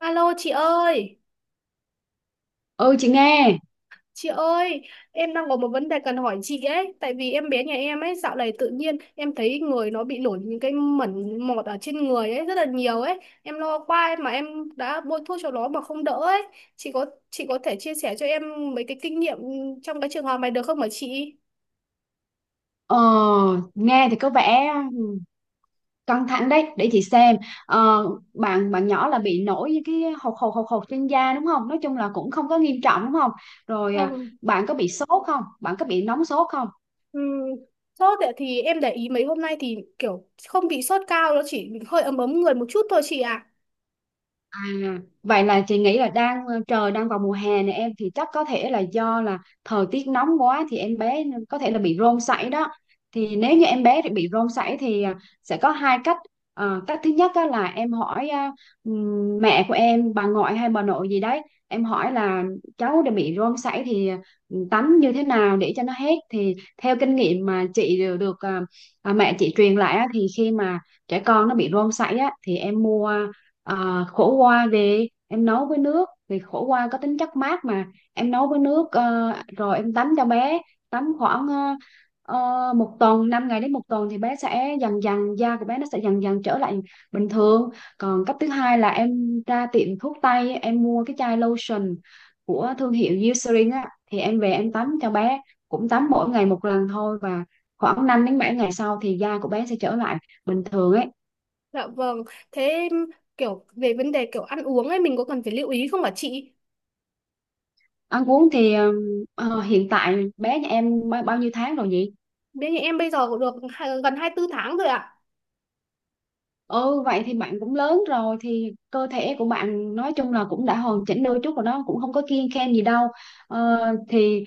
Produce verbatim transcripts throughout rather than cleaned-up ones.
Alo chị ơi, Ừ chị nghe. chị ơi, em đang có một vấn đề cần hỏi chị ấy, tại vì em bé nhà em ấy dạo này tự nhiên em thấy người nó bị nổi những cái mẩn mọt ở trên người ấy rất là nhiều ấy, em lo quá ấy, mà em đã bôi thuốc cho nó mà không đỡ ấy. Chị có chị có thể chia sẻ cho em mấy cái kinh nghiệm trong cái trường hợp này được không hả chị? ờ, Nghe thì có vẻ căng thẳng đấy, để chị xem. ờ, bạn bạn nhỏ là bị nổi những cái hột hột hột hột trên da đúng không? Nói chung là cũng không có nghiêm trọng đúng không? rồi à, Ừ. Bạn có bị sốt không, bạn có bị nóng sốt không? Ừ. Sốt ấy, thì em để ý mấy hôm nay thì kiểu không bị sốt cao, nó chỉ hơi ấm ấm người một chút thôi chị ạ. À, vậy là chị nghĩ là đang ờ, trời đang vào mùa hè này em, thì chắc có thể là do là thời tiết nóng quá thì em bé có thể là bị rôm sảy đó. Thì nếu như em bé bị rôm sảy thì à, sẽ có hai cách. Ờ, cách thứ nhất á là em hỏi à, ừm, mẹ của em, bà ngoại hay bà nội gì đấy, em hỏi là cháu đã bị rôm sảy thì ừm, tắm như thế nào để cho nó hết. Thì theo kinh nghiệm mà chị đều được à, à, mẹ chị truyền lại á, thì khi mà trẻ con nó bị rôm sảy á thì em mua Ờ, khổ qua, thì em nấu với nước, thì khổ qua có tính chất mát mà. Em nấu với nước ờ, rồi em tắm cho bé, tắm khoảng ờ, ờ, một tuần, năm ngày đến một tuần thì bé sẽ dần dần, da của bé nó sẽ dần dần trở lại bình thường. Còn cách thứ hai là em ra tiệm thuốc tây em mua cái chai lotion của thương hiệu Eucerin á, thì em về em tắm cho bé, cũng tắm mỗi ngày một lần thôi, và khoảng năm đến bảy ngày sau thì da của bé sẽ trở lại bình thường ấy. Dạ vâng, thế kiểu về vấn đề kiểu ăn uống ấy mình có cần phải lưu ý không hả chị? Ăn uống thì ờ, ờ, hiện tại bé nhà em bao, bao nhiêu tháng rồi nhỉ? Bên nhà em bây giờ cũng được hai- gần hai mươi bốn tháng rồi ạ. Ừ, vậy thì bạn cũng lớn rồi, thì cơ thể của bạn nói chung là cũng đã hoàn chỉnh đôi chút rồi đó, cũng không có kiêng khem gì đâu. ờ, thì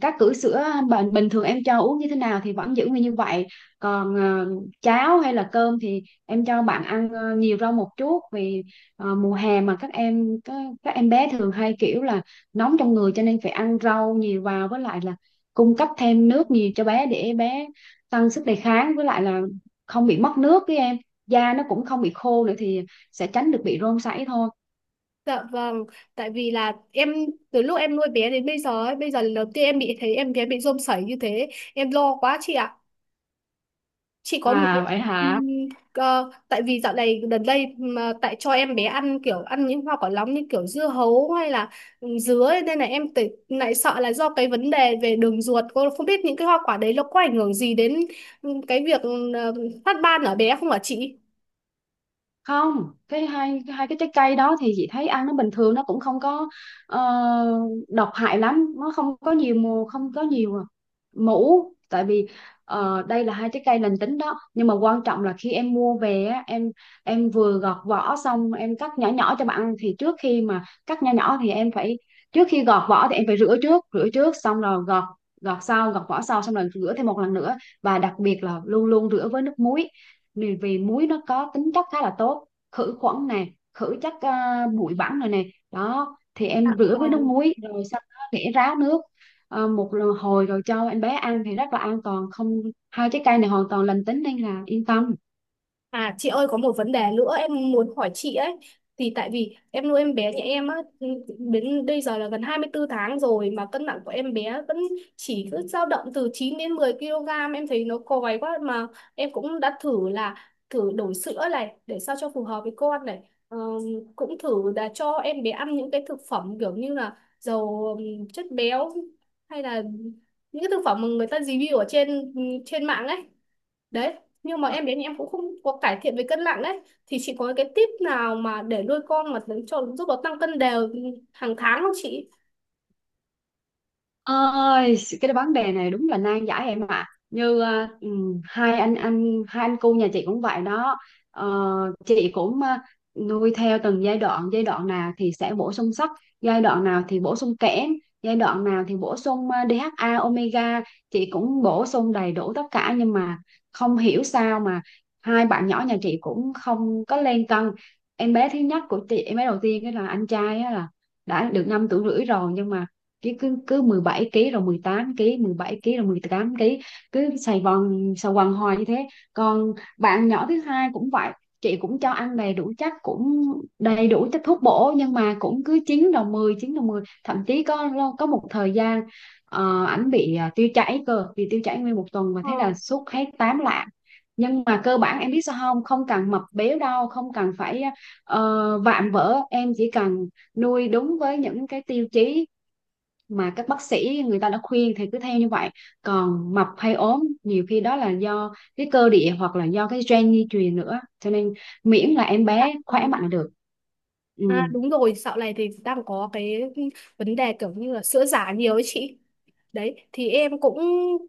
các cữ sữa bình bình thường em cho uống như thế nào thì vẫn giữ nguyên như vậy. Còn ờ, cháo hay là cơm thì em cho bạn ăn ờ, nhiều rau một chút, vì ờ, mùa hè mà các em các, các em bé thường hay kiểu là nóng trong người, cho nên phải ăn rau nhiều vào, với lại là cung cấp thêm nước nhiều cho bé để bé tăng sức đề kháng, với lại là không bị mất nước, với em da nó cũng không bị khô nữa, thì sẽ tránh được bị rôm sảy thôi. Dạ vâng, tại vì là em từ lúc em nuôi bé đến bây giờ ấy, bây giờ lần đầu tiên em bị thấy em bé bị rôm sảy như thế, em lo quá chị ạ. Chị có một cái À vậy hả? ừm, ờ, Tại vì dạo này gần đây mà tại cho em bé ăn kiểu ăn những hoa quả nóng như kiểu dưa hấu hay là ừ, dứa ấy, nên là em tự- lại sợ là do cái vấn đề về đường ruột, cô không biết những cái hoa quả đấy nó có ảnh hưởng gì đến ừ, cái việc ừ, ờ, phát ban ở bé không hả chị? Không, cái hai hai cái trái cây đó thì chị thấy ăn nó bình thường, nó cũng không có ờ, độc hại lắm, nó không có nhiều mù, không có nhiều mũ. Tại vì ờ, đây là hai trái cây lành tính đó, nhưng mà quan trọng là khi em mua về á, em em vừa gọt vỏ xong em cắt nhỏ nhỏ cho bạn ăn, thì trước khi mà cắt nhỏ nhỏ thì em phải, trước khi gọt vỏ thì em phải rửa trước, rửa trước xong rồi gọt, gọt sau, gọt vỏ sau xong rồi rửa thêm một lần nữa, và đặc biệt là luôn luôn rửa với nước muối. Vì, vì muối nó có tính chất khá là tốt, khử khuẩn nè, khử chất à, bụi bẩn rồi nè, đó. Thì Dạ em rửa với nước vâng. muối rồi sau đó để ráo nước, à, một lần- hồi rồi cho em bé ăn thì rất là an toàn. Không, hai trái cây này hoàn toàn lành tính nên là yên tâm. À chị ơi, có một vấn đề nữa em muốn hỏi chị ấy, thì tại vì em nuôi em bé nhà em á, đến bây giờ là gần hai mươi tư tháng rồi mà cân nặng của em bé vẫn chỉ cứ dao động từ chín đến mười ký, em thấy nó còi quá. Mà em cũng đã thử là thử đổi sữa này để sao cho phù hợp với con này. Ờ, Cũng thử là cho em bé ăn những cái thực phẩm kiểu như là dầu ừm, chất béo, hay là những cái thực phẩm mà người ta review ở trên trên mạng ấy đấy. Nhưng mà em đến thì em cũng không có cải thiện về cân nặng đấy. Thì chị có cái tip nào mà để nuôi con mà cho giúp nó tăng cân đều hàng tháng không chị? Ơi, cái vấn đề này đúng là nan giải em ạ. Như ờ, ừ, hai anh anh hai anh cu nhà chị cũng vậy đó. Ờ, chị cũng ờ, nuôi theo từng giai đoạn, giai đoạn nào thì sẽ bổ sung sắt, giai đoạn nào thì bổ sung kẽm, giai đoạn nào thì bổ sung ờ, đê hát a omega, chị cũng bổ sung đầy đủ tất cả nhưng mà không hiểu sao mà hai bạn nhỏ nhà chị cũng không có lên cân. Em bé thứ nhất của chị, em bé đầu tiên đó là anh trai á, là đã được năm tuổi rưỡi rồi, nhưng mà cứ cứ cứ mười bảy ký rồi mười tám ký, mười bảy ký rồi mười tám ký, cứ xài vòng xà quần hoài như thế. Còn bạn nhỏ thứ hai cũng vậy, chị cũng cho ăn đầy đủ chất, cũng đầy đủ chất thuốc bổ, nhưng mà cũng cứ chín đầu mười, chín đầu mười, thậm chí có có một thời gian ờ, ảnh bị à, tiêu chảy, cơ bị tiêu chảy nguyên một tuần và Ờ, thế là suốt hết tám lạng. Nhưng mà cơ bản em biết sao không, không cần mập béo đâu, không cần phải ờ, vạm vỡ, em chỉ cần nuôi đúng với những cái tiêu chí mà các bác sĩ người ta đã khuyên thì cứ theo như vậy. Còn mập hay ốm nhiều khi đó là do cái cơ địa, hoặc là do cái gen di truyền nữa, cho nên miễn là em dạ, bé ừ. khỏe mạnh là được. Ừ. À đúng rồi, dạo này thì đang có cái vấn đề kiểu như là sữa giả nhiều ấy chị. Đấy thì em cũng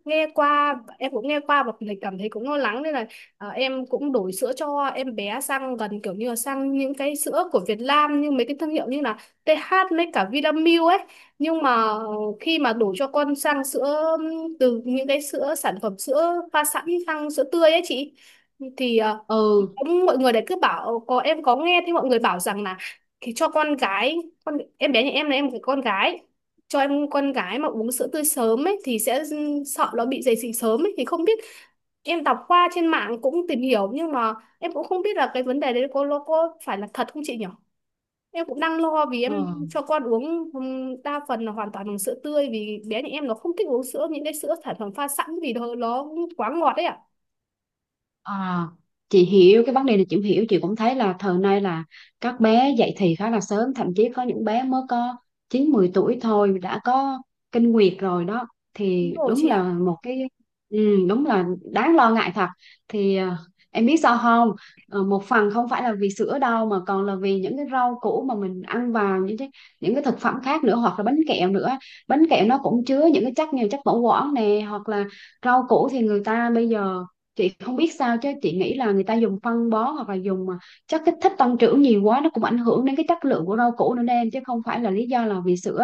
nghe qua em cũng nghe qua và mình cảm thấy cũng lo lắng, nên là ờ, em cũng đổi sữa cho em bé sang gần kiểu như là sang những cái sữa của Việt Nam như mấy cái thương hiệu như là tê hát với cả Vinamilk ấy. Nhưng mà khi mà đổi cho con sang sữa từ những cái sữa sản phẩm sữa pha sẵn sang sữa tươi ấy chị, thì ờ, Ừ. cũng mọi người đấy cứ bảo, có em có nghe thì mọi người bảo rằng là thì cho con gái, con em bé nhà em là em là con gái, cho em con gái mà uống sữa tươi sớm ấy thì sẽ sợ nó bị dậy thì sớm ấy, thì không biết. Em đọc qua trên mạng cũng tìm hiểu nhưng mà em cũng không biết là cái vấn đề đấy có nó có phải là thật không chị nhỉ? Em cũng đang lo vì Ờ. em cho con uống ừm, đa phần là hoàn toàn bằng sữa tươi, vì bé nhà em nó không thích uống sữa, những cái sữa sản phẩm pha sẵn vì nó, nó quá ngọt đấy ạ. À, chị hiểu cái vấn đề này, chị cũng hiểu, chị cũng thấy là thời nay là các bé dậy thì khá là sớm, thậm chí có những bé mới có chín mười tuổi thôi đã có kinh nguyệt rồi đó. Đúng Thì rồi đúng chị là ạ. một cái, ừ, đúng là đáng lo ngại thật. Thì à, em biết sao không, Ờ, một phần không phải là vì sữa đâu, mà còn là vì những cái rau củ mà mình ăn vào, những cái những cái thực phẩm khác nữa, hoặc là bánh kẹo nữa. Bánh kẹo nó cũng chứa những cái chất như chất bảo quản nè, hoặc là rau củ thì người ta bây giờ, chị không biết sao chứ chị nghĩ là người ta dùng phân bón, hoặc là dùng mà chất kích thích tăng trưởng nhiều quá, nó cũng ảnh hưởng đến cái chất lượng của rau củ nữa đó em, chứ không phải là lý do là vì sữa.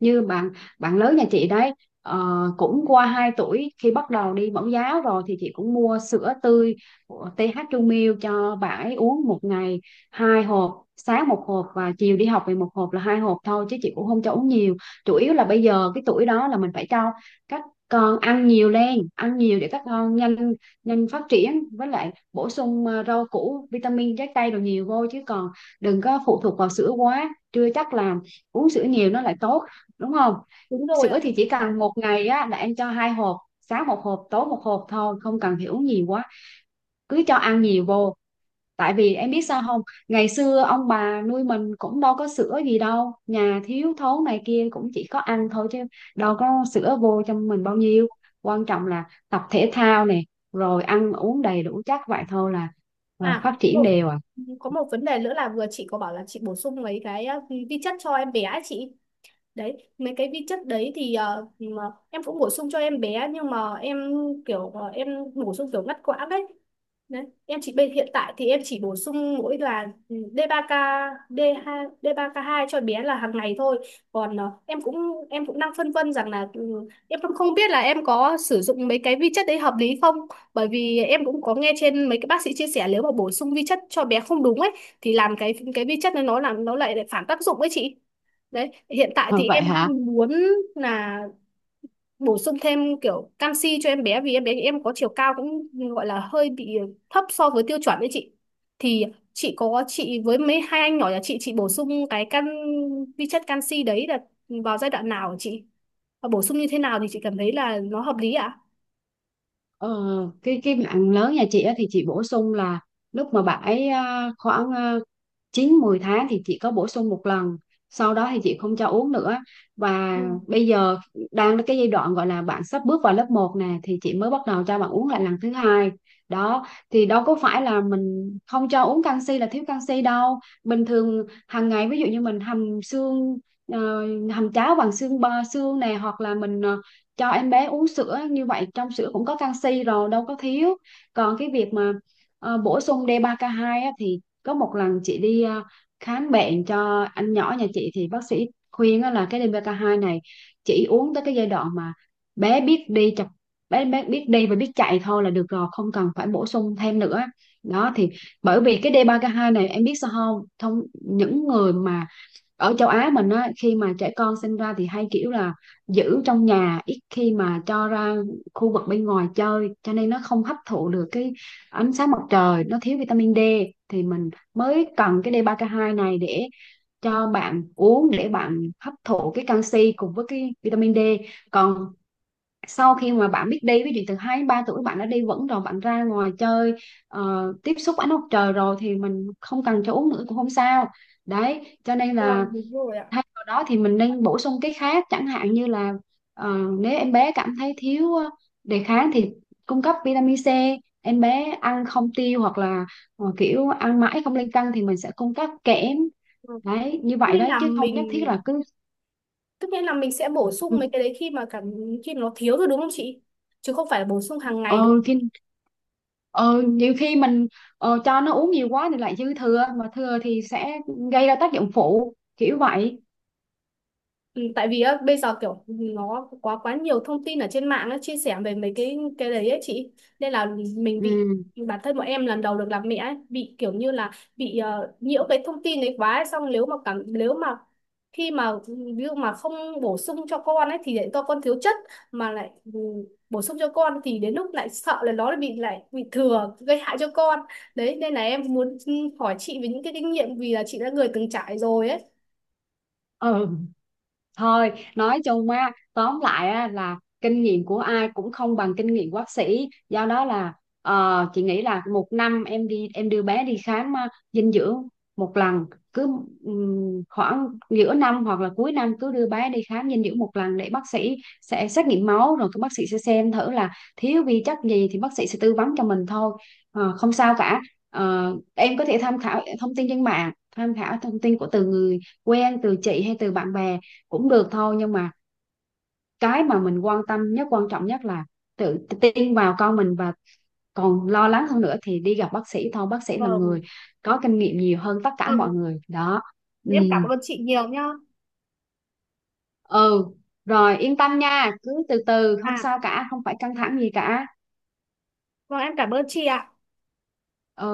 Như bạn bạn lớn nhà chị đấy, ờ, cũng qua hai tuổi, khi bắt đầu đi mẫu giáo rồi thì chị cũng mua sữa tươi của tê hát Trung Milk cho bạn ấy uống, một ngày hai hộp, sáng một hộp và chiều đi học về một hộp, là hai hộp thôi, chứ chị cũng không cho uống nhiều. Chủ yếu là bây giờ cái tuổi đó là mình phải cho các con ăn nhiều lên, ăn nhiều để các con nhanh nhanh phát triển, với lại bổ sung ờ, rau củ, vitamin, trái cây đồ nhiều vô, chứ còn đừng có phụ thuộc vào sữa quá, chưa chắc là uống sữa nhiều nó lại tốt, đúng không? Đúng rồi ạ, Sữa thì đúng chỉ rồi. cần một ngày á là em cho hai hộp, sáng một hộp tối một hộp thôi, không cần phải uống nhiều quá, cứ cho ăn nhiều vô. Tại vì em biết sao không, ngày xưa ông bà nuôi mình cũng đâu có sữa gì đâu, nhà thiếu thốn này kia cũng chỉ có ăn thôi chứ đâu có sữa vô cho mình bao nhiêu. Quan trọng là tập thể thao nè, rồi ăn uống đầy đủ, chắc vậy thôi là ờ, À phát đúng triển rồi, đều à. có một vấn đề nữa là vừa chị có bảo là chị bổ sung mấy cái uh, vi chất cho em bé ấy chị. Đấy mấy cái vi chất đấy thì ờ, mà em cũng bổ sung cho em bé nhưng mà em kiểu ờ, em bổ sung kiểu ngắt quãng đấy. Đấy em chỉ bây hiện tại thì em chỉ bổ sung mỗi là ừ, đê ba ca đê hai đê ba ca hai cho bé là hàng ngày thôi. Còn ờ, em cũng em cũng đang phân vân rằng là ừ, em cũng không biết là em có sử dụng mấy cái vi chất đấy hợp lý không, bởi vì em cũng có nghe trên mấy cái bác sĩ chia sẻ nếu mà bổ sung vi chất cho bé không đúng ấy thì làm cái cái vi chất này nó làm nó lại lại phản tác dụng ấy chị. Đấy, hiện tại Ờ, thì vậy em hả? đang muốn là bổ sung thêm kiểu canxi cho em bé, vì em bé em có chiều cao cũng gọi là hơi bị thấp so với tiêu chuẩn đấy chị. Thì chị có chị với mấy hai anh nhỏ nhà chị chị bổ sung cái can vi chất canxi đấy là vào giai đoạn nào hả chị? Và bổ sung như thế nào thì chị cảm thấy là nó hợp lý ạ? Ờ, cái cái bạn lớn nhà chị á, thì chị bổ sung là lúc mà bạn ấy à, khoảng à, chín mười tháng thì chị có bổ sung một lần, sau đó thì chị không cho uống nữa. Và Ừ, bây giờ đang cái giai đoạn gọi là bạn sắp bước vào lớp một nè, thì chị mới bắt đầu cho bạn uống lại lần thứ hai. Đó, thì đâu có phải là mình không cho uống canxi là thiếu canxi đâu. Bình thường hàng ngày ví dụ như mình hầm xương, ờ, hầm cháo bằng xương bò, xương này, hoặc là mình ờ, cho em bé uống sữa, như vậy trong sữa cũng có canxi rồi, đâu có thiếu. Còn cái việc mà ờ, bổ sung đê ba ca hai á, thì có một lần chị đi ờ, khám bệnh cho anh nhỏ nhà chị thì bác sĩ khuyên á, là cái đê ba ca hai này chỉ uống tới cái giai đoạn mà bé biết đi chập bé bé biết đi và biết chạy thôi là được rồi, không cần phải bổ sung thêm nữa đó. Thì bởi vì cái đê ba ca hai này em biết sao không, thông những người mà ở châu Á mình á, khi mà trẻ con sinh ra thì hay kiểu là giữ trong nhà, ít khi mà cho ra khu vực bên ngoài chơi, cho nên nó không hấp thụ được cái ánh sáng mặt trời, nó thiếu vitamin D, thì mình mới cần cái đê ba ca hai này để cho bạn uống, để bạn hấp thụ cái canxi cùng với cái vitamin D. Còn sau khi mà bạn biết đi, ví dụ từ hai đến ba tuổi, bạn đã đi vẫn rồi, bạn ra ngoài chơi, ờ, tiếp xúc ánh mặt trời rồi, thì mình không cần cho uống nữa cũng không sao. Đấy cho nên là vâng đúng rồi ạ. thay vào đó thì mình nên bổ sung cái khác, chẳng hạn như là ờ, nếu em bé cảm thấy thiếu ờ, đề kháng thì cung cấp vitamin C. Em bé ăn không tiêu hoặc là ờ, kiểu ăn mãi không lên cân thì mình sẽ cung cấp kẽm. Ừ. Đấy như Tức vậy nghĩa đấy, là chứ không nhất thiết mình là cứ tức nghĩa là mình sẽ bổ ừ, sung mấy cái đấy khi mà cảm khi nó thiếu rồi đúng không chị? Chứ không phải bổ sung hàng ngày. ờ, khi ờ, nhiều khi mình ờ, cho nó uống nhiều quá thì lại dư thừa, mà thừa thì sẽ gây ra tác dụng phụ kiểu vậy. Ừ, tại vì á, bây giờ kiểu nó quá quá nhiều thông tin ở trên mạng á, chia sẻ về mấy cái cái đấy ấy chị, nên là mình bị, Ừ. bản thân bọn em lần đầu được làm mẹ ấy, bị kiểu như là bị ờ, nhiễu cái thông tin đấy quá ấy. Xong nếu mà cảm nếu mà khi mà ví dụ mà không bổ sung cho con ấy thì lại cho con thiếu chất, mà lại ừ, bổ sung cho con thì đến lúc lại sợ là nó lại bị lại bị thừa gây hại cho con. Đấy nên là em muốn ừ, hỏi chị về những cái kinh nghiệm vì là chị đã người từng trải rồi ấy. ừ Thôi nói chung á, tóm lại á là kinh nghiệm của ai cũng không bằng kinh nghiệm của bác sĩ, do đó là ờ, chị nghĩ là một năm em đi, em đưa bé đi khám ờ, dinh dưỡng một lần, cứ ừm, khoảng giữa năm hoặc là cuối năm cứ đưa bé đi khám dinh dưỡng một lần, để bác sĩ sẽ xét nghiệm máu rồi các bác sĩ sẽ xem thử là thiếu vi chất gì thì bác sĩ sẽ tư vấn cho mình thôi. Ờ, không sao cả. Ờ, em có thể tham khảo thông tin trên mạng, tham khảo thông tin của từ người quen, từ chị hay từ bạn bè cũng được thôi, nhưng mà cái mà mình quan tâm nhất, quan trọng nhất là tự tin vào con mình, và còn lo lắng hơn nữa thì đi gặp bác sĩ thôi, bác sĩ là Vâng. người có kinh nghiệm nhiều hơn tất cả mọi Vâng, người đó. Ừ. em cảm ơn chị nhiều nhá. Ừ, rồi yên tâm nha, cứ từ từ không À, sao cả, không phải căng thẳng gì cả. vâng em cảm ơn chị ạ. Ừ.